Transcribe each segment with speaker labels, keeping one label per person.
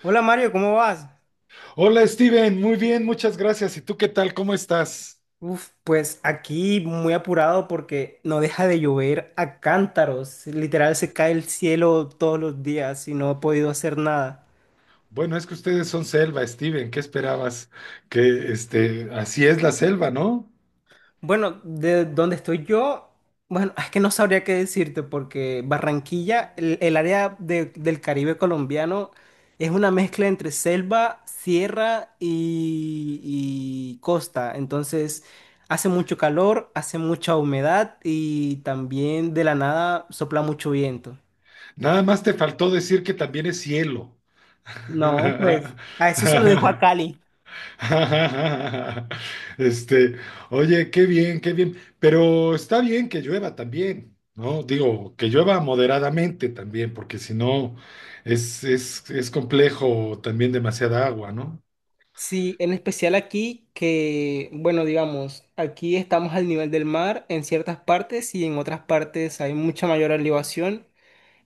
Speaker 1: Hola Mario, ¿cómo vas?
Speaker 2: Hola Steven, muy bien, muchas gracias. ¿Y tú qué tal? ¿Cómo estás?
Speaker 1: Uf, pues aquí muy apurado porque no deja de llover a cántaros. Literal se cae el cielo todos los días y no he podido hacer nada.
Speaker 2: Bueno, es que ustedes son selva, Steven, ¿qué esperabas? Que, así es la selva, ¿no?
Speaker 1: Bueno, de donde estoy yo, bueno, es que no sabría qué decirte porque Barranquilla, el área del Caribe colombiano, es una mezcla entre selva, sierra y costa. Entonces, hace mucho calor, hace mucha humedad y también de la nada sopla mucho viento.
Speaker 2: Nada más te faltó decir que también es cielo.
Speaker 1: No, pues a eso se lo dejo a Cali.
Speaker 2: Este, oye, qué bien, qué bien. Pero está bien que llueva también, ¿no? Digo, que llueva moderadamente también, porque si no es complejo también demasiada agua, ¿no?
Speaker 1: Sí, en especial aquí que, bueno, digamos, aquí estamos al nivel del mar en ciertas partes y en otras partes hay mucha mayor elevación,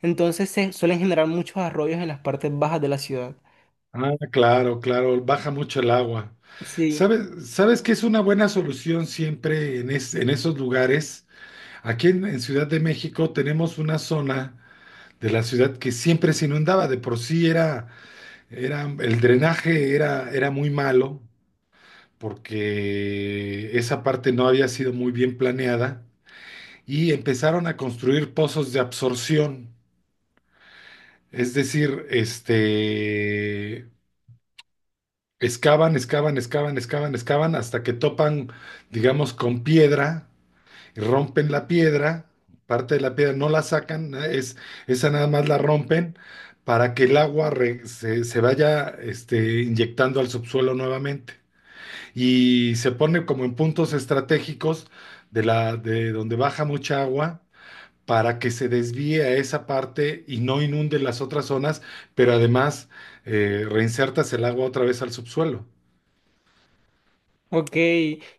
Speaker 1: entonces se suelen generar muchos arroyos en las partes bajas de la ciudad.
Speaker 2: Ah, claro, claro, baja mucho el agua.
Speaker 1: Sí,
Speaker 2: ¿Sabes que es una buena solución siempre en esos lugares? Aquí en Ciudad de México tenemos una zona de la ciudad que siempre se inundaba, de por sí era el drenaje, era muy malo porque esa parte no había sido muy bien planeada y empezaron a construir pozos de absorción. Es decir, excavan, excavan, excavan, excavan, excavan hasta que topan, digamos, con piedra, y rompen la piedra, parte de la piedra no la sacan, esa nada más la rompen para que el agua se vaya inyectando al subsuelo nuevamente. Y se pone como en puntos estratégicos de donde baja mucha agua para que se desvíe a esa parte y no inunde las otras zonas, pero además reinsertas el agua otra vez al subsuelo.
Speaker 1: ok.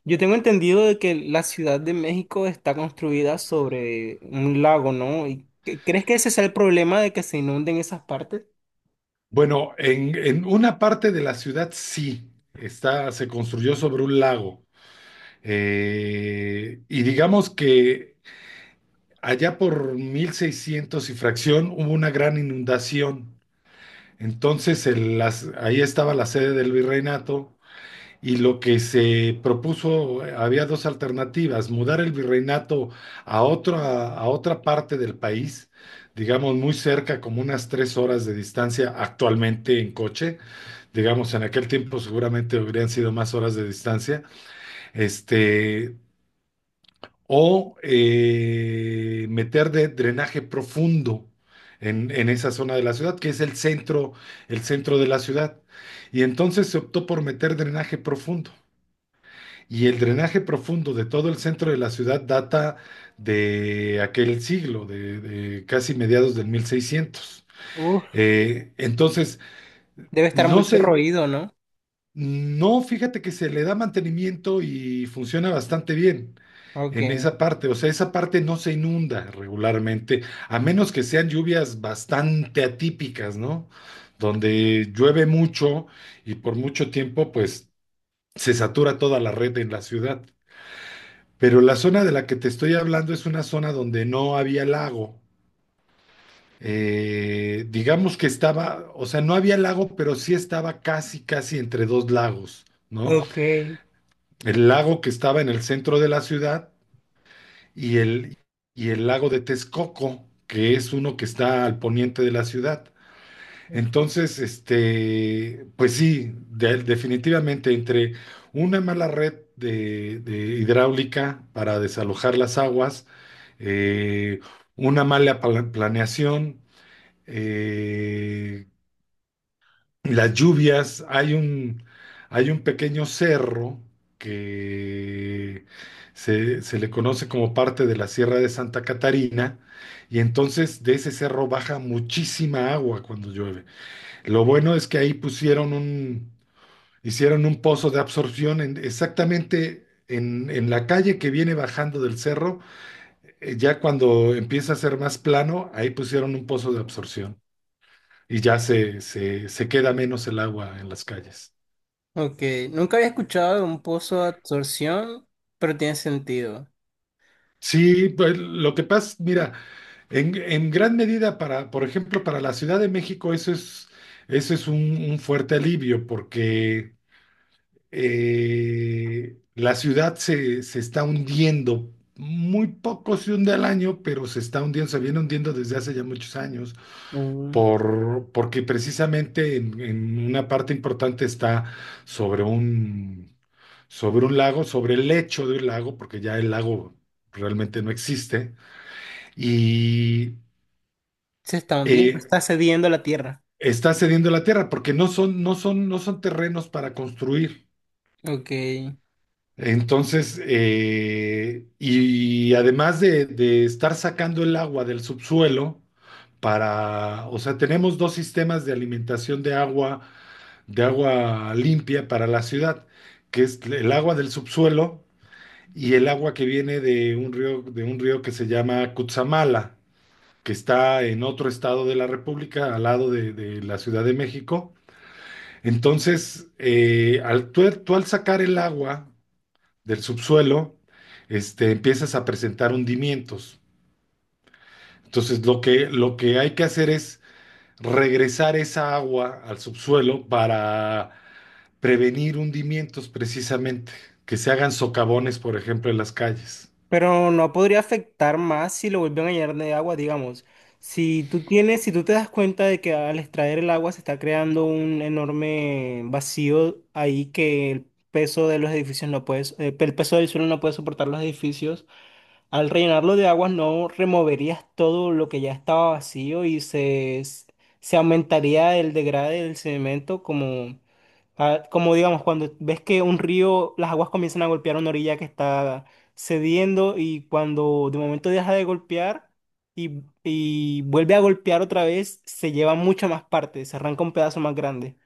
Speaker 1: Yo tengo entendido de que la Ciudad de México está construida sobre un lago, ¿no? ¿Y crees que ese sea el problema de que se inunden esas partes?
Speaker 2: Bueno, en una parte de la ciudad sí, se construyó sobre un lago. Y digamos que allá por 1600 y fracción hubo una gran inundación. Entonces ahí estaba la sede del virreinato y lo que se propuso, había dos alternativas: mudar el virreinato a otra parte del país, digamos muy cerca, como unas 3 horas de distancia actualmente en coche, digamos, en aquel tiempo seguramente hubieran sido más horas de distancia, este, o meter de drenaje profundo en esa zona de la ciudad, que es el centro de la ciudad. Y entonces se optó por meter drenaje profundo. Y el drenaje profundo de todo el centro de la ciudad data de aquel siglo, de casi mediados del 1600.
Speaker 1: Uf,
Speaker 2: Eh, entonces,
Speaker 1: debe estar
Speaker 2: no
Speaker 1: muy
Speaker 2: se,
Speaker 1: corroído, ¿no?
Speaker 2: no, fíjate que se le da mantenimiento y funciona bastante bien
Speaker 1: Ok,
Speaker 2: en esa parte. O sea, esa parte no se inunda regularmente, a menos que sean lluvias bastante atípicas, ¿no? Donde llueve mucho y por mucho tiempo, pues se satura toda la red en la ciudad. Pero la zona de la que te estoy hablando es una zona donde no había lago. Digamos que estaba, o sea, no había lago, pero sí estaba casi, casi entre dos lagos, ¿no?
Speaker 1: ok.
Speaker 2: El lago que estaba en el centro de la ciudad y el, y el lago de Texcoco, que es uno que está al poniente de la ciudad. Entonces, pues sí, definitivamente entre una mala red de hidráulica para desalojar las aguas, eh, una mala planeación, eh, las lluvias, hay un pequeño cerro que se le conoce como parte de la Sierra de Santa Catarina, y entonces de ese cerro baja muchísima agua cuando llueve. Lo bueno es que ahí hicieron un pozo de absorción exactamente en la calle que viene bajando del cerro. Ya cuando empieza a ser más plano, ahí pusieron un pozo de absorción y ya se queda menos el agua en las calles.
Speaker 1: Ok, nunca había escuchado de un pozo de absorción, pero tiene sentido.
Speaker 2: Sí, pues lo que pasa, mira, en gran medida para, por ejemplo, para la Ciudad de México, eso es un fuerte alivio, porque la ciudad se está hundiendo. Muy poco se hunde al año, pero se está hundiendo, se viene hundiendo desde hace ya muchos años,
Speaker 1: Mm,
Speaker 2: porque precisamente en una parte importante está sobre un, sobre un lago, sobre el lecho de un lago, porque ya el lago realmente no existe y
Speaker 1: se está hundiendo,
Speaker 2: eh,
Speaker 1: está cediendo la tierra.
Speaker 2: está cediendo la tierra porque no son terrenos para construir.
Speaker 1: Ok,
Speaker 2: Entonces, y además de estar sacando el agua del subsuelo, para, o sea, tenemos dos sistemas de alimentación de agua limpia para la ciudad, que es el agua del subsuelo y el agua que viene de un río, que se llama Cutzamala, que está en otro estado de la República, al lado de la Ciudad de México. Entonces, tú al sacar el agua del subsuelo, empiezas a presentar hundimientos. Entonces, lo que hay que hacer es regresar esa agua al subsuelo para prevenir hundimientos precisamente, que se hagan socavones, por ejemplo, en las calles.
Speaker 1: pero no podría afectar más si lo vuelven a llenar de agua, digamos. Si tú tienes, si tú te das cuenta de que al extraer el agua se está creando un enorme vacío ahí que el peso de los edificios no puede, el peso del suelo no puede soportar los edificios. Al rellenarlo de aguas no removerías todo lo que ya estaba vacío y se aumentaría el degrade del cemento como, ah, como digamos cuando ves que un río, las aguas comienzan a golpear una orilla que está cediendo y cuando de momento deja de golpear y vuelve a golpear otra vez, se lleva mucho más parte, se arranca un pedazo más grande.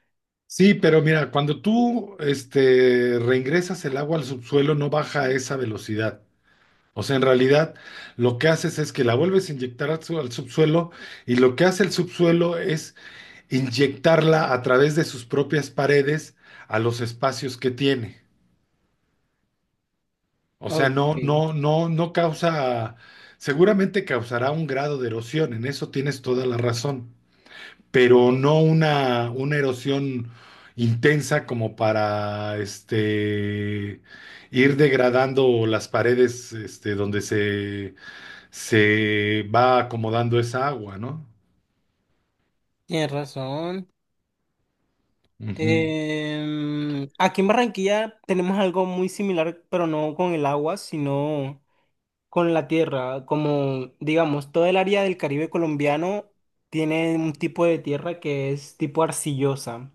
Speaker 2: Sí, pero mira, cuando tú reingresas el agua al subsuelo no baja a esa velocidad. O sea, en realidad lo que haces es que la vuelves a inyectar al subsuelo, y lo que hace el subsuelo es inyectarla a través de sus propias paredes a los espacios que tiene. O sea,
Speaker 1: Ok,
Speaker 2: no causa, seguramente causará un grado de erosión, en eso tienes toda la razón, pero no una erosión intensa como para ir degradando las paredes, donde se va acomodando esa agua, ¿no?
Speaker 1: tienes razón.
Speaker 2: Ujú.
Speaker 1: Aquí en Barranquilla tenemos algo muy similar, pero no con el agua, sino con la tierra. Como, digamos, todo el área del Caribe colombiano tiene un tipo de tierra que es tipo arcillosa.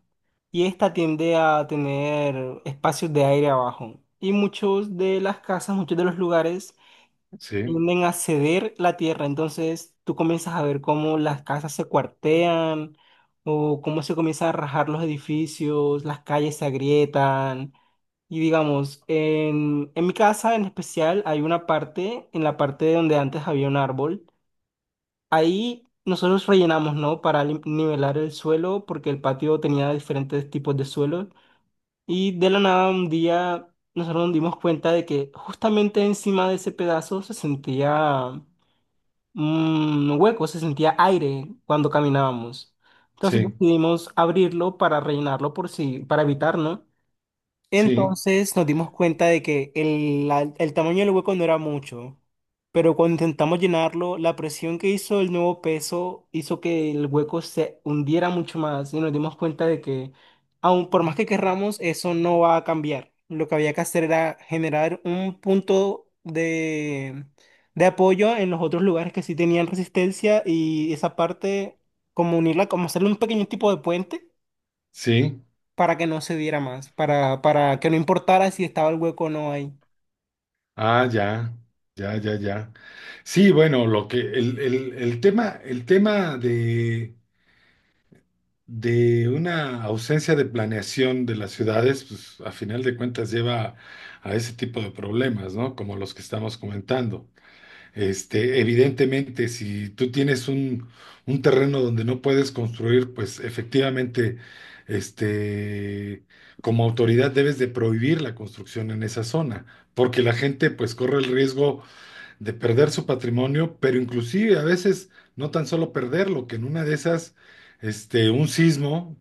Speaker 1: Y esta tiende a tener espacios de aire abajo. Y muchos de las casas, muchos de los lugares
Speaker 2: Sí,
Speaker 1: tienden a ceder la tierra, entonces tú comienzas a ver cómo las casas se cuartean o cómo se comienzan a rajar los edificios, las calles se agrietan. Y digamos, en mi casa en especial hay una parte, en la parte donde antes había un árbol, ahí nosotros rellenamos, ¿no? Para nivelar el suelo, porque el patio tenía diferentes tipos de suelo. Y de la nada un día nosotros nos dimos cuenta de que justamente encima de ese pedazo se sentía un hueco, se sentía aire cuando caminábamos. Entonces
Speaker 2: sí,
Speaker 1: decidimos abrirlo para rellenarlo por si, para evitar, ¿no?
Speaker 2: sí,
Speaker 1: Entonces nos dimos cuenta de que el tamaño del hueco no era mucho, pero cuando intentamos llenarlo, la presión que hizo el nuevo peso hizo que el hueco se hundiera mucho más y nos dimos cuenta de que, aun por más que querramos, eso no va a cambiar. Lo que había que hacer era generar un punto de apoyo en los otros lugares que sí tenían resistencia y esa parte, como unirla, como hacerle un pequeño tipo de puente
Speaker 2: sí.
Speaker 1: para que no se diera más, para que no importara si estaba el hueco o no ahí.
Speaker 2: Ah, ya, ya, ya, ya. Sí, bueno, lo que el tema de una ausencia de planeación de las ciudades, pues a final de cuentas lleva a ese tipo de problemas, ¿no? Como los que estamos comentando. Evidentemente, si tú tienes un terreno donde no puedes construir, pues efectivamente, este, como autoridad debes de prohibir la construcción en esa zona, porque la gente pues corre el riesgo de perder su patrimonio, pero inclusive a veces no tan solo perderlo, que en una de esas, un sismo,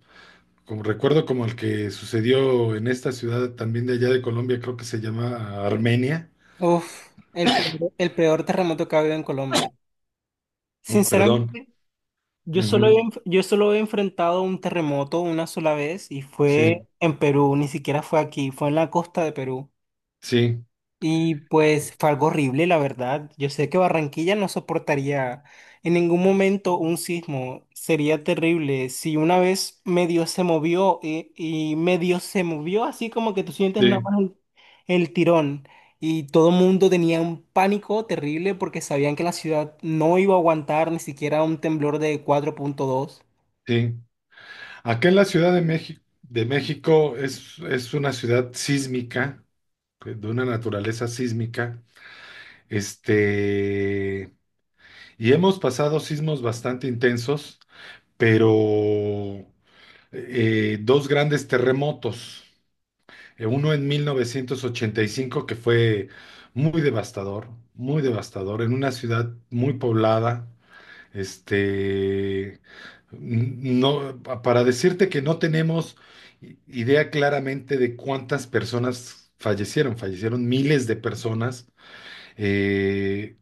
Speaker 2: como recuerdo como el que sucedió en esta ciudad también de allá de Colombia, creo que se llama Armenia,
Speaker 1: Uf, el peor terremoto que ha habido en Colombia.
Speaker 2: perdón.
Speaker 1: Sinceramente,
Speaker 2: Ujú.
Speaker 1: yo solo he enfrentado un terremoto una sola vez y
Speaker 2: Sí.
Speaker 1: fue en Perú, ni siquiera fue aquí, fue en la costa de Perú.
Speaker 2: Sí,
Speaker 1: Y pues fue algo horrible, la verdad. Yo sé que Barranquilla no soportaría en ningún momento un sismo. Sería terrible. Si una vez medio se movió medio se movió, así como que tú sientes nada
Speaker 2: sí,
Speaker 1: más el tirón. Y todo el mundo tenía un pánico terrible porque sabían que la ciudad no iba a aguantar ni siquiera un temblor de 4.2.
Speaker 2: sí. Acá en la Ciudad de México, de México, es una ciudad sísmica, de una naturaleza sísmica. Este, y hemos pasado sismos bastante intensos, pero dos grandes terremotos. Uno en 1985, que fue muy devastador, en una ciudad muy poblada. Este, n- no, pa- para decirte que no tenemos idea claramente de cuántas personas fallecieron, fallecieron miles de personas, eh,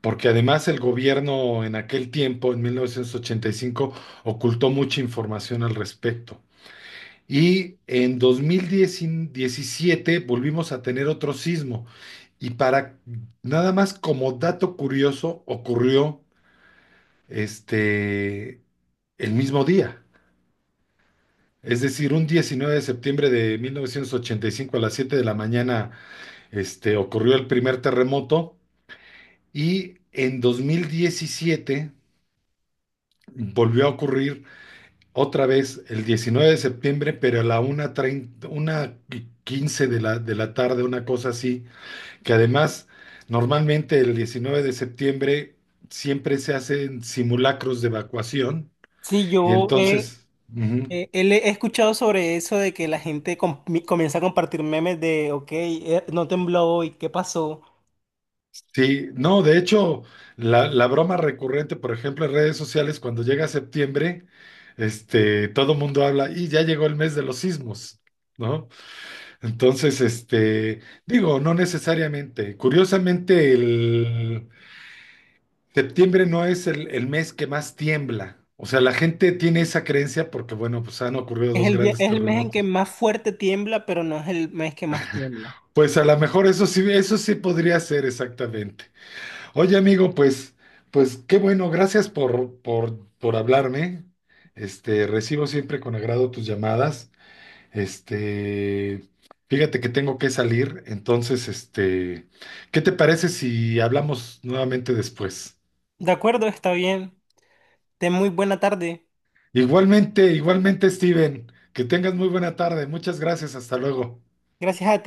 Speaker 2: porque además el gobierno en aquel tiempo, en 1985, ocultó mucha información al respecto. Y en 2017 volvimos a tener otro sismo. Y, para nada más como dato curioso, ocurrió este el mismo día. Es decir, un 19 de septiembre de 1985 a las 7 de la mañana, ocurrió el primer terremoto, y en 2017 volvió a ocurrir otra vez el 19 de septiembre, pero a la 1:30, 1:15 de la, tarde, una cosa así, que además normalmente el 19 de septiembre siempre se hacen simulacros de evacuación
Speaker 1: Sí,
Speaker 2: y
Speaker 1: yo he.
Speaker 2: entonces... Ujú.
Speaker 1: He escuchado sobre eso de que la gente comienza a compartir memes de, ok, no tembló hoy, ¿qué pasó?
Speaker 2: Sí, no, de hecho, la broma recurrente, por ejemplo, en redes sociales, cuando llega septiembre, todo mundo habla y ya llegó el mes de los sismos, ¿no? Entonces, digo, no necesariamente. Curiosamente, el septiembre no es el mes que más tiembla. O sea, la gente tiene esa creencia porque, bueno, pues han ocurrido
Speaker 1: Es
Speaker 2: dos
Speaker 1: el,
Speaker 2: grandes
Speaker 1: es el mes en que
Speaker 2: terremotos.
Speaker 1: más fuerte tiembla, pero no es el mes que más tiembla.
Speaker 2: Pues a lo mejor eso sí podría ser exactamente. Oye, amigo, pues, pues qué bueno, gracias por hablarme. Recibo siempre con agrado tus llamadas. Este, Fíjate que tengo que salir, entonces, ¿qué te parece si hablamos nuevamente después?
Speaker 1: De acuerdo, está bien. Ten muy buena tarde.
Speaker 2: Igualmente, igualmente, Steven, que tengas muy buena tarde. Muchas gracias, hasta luego.
Speaker 1: Gracias a ti.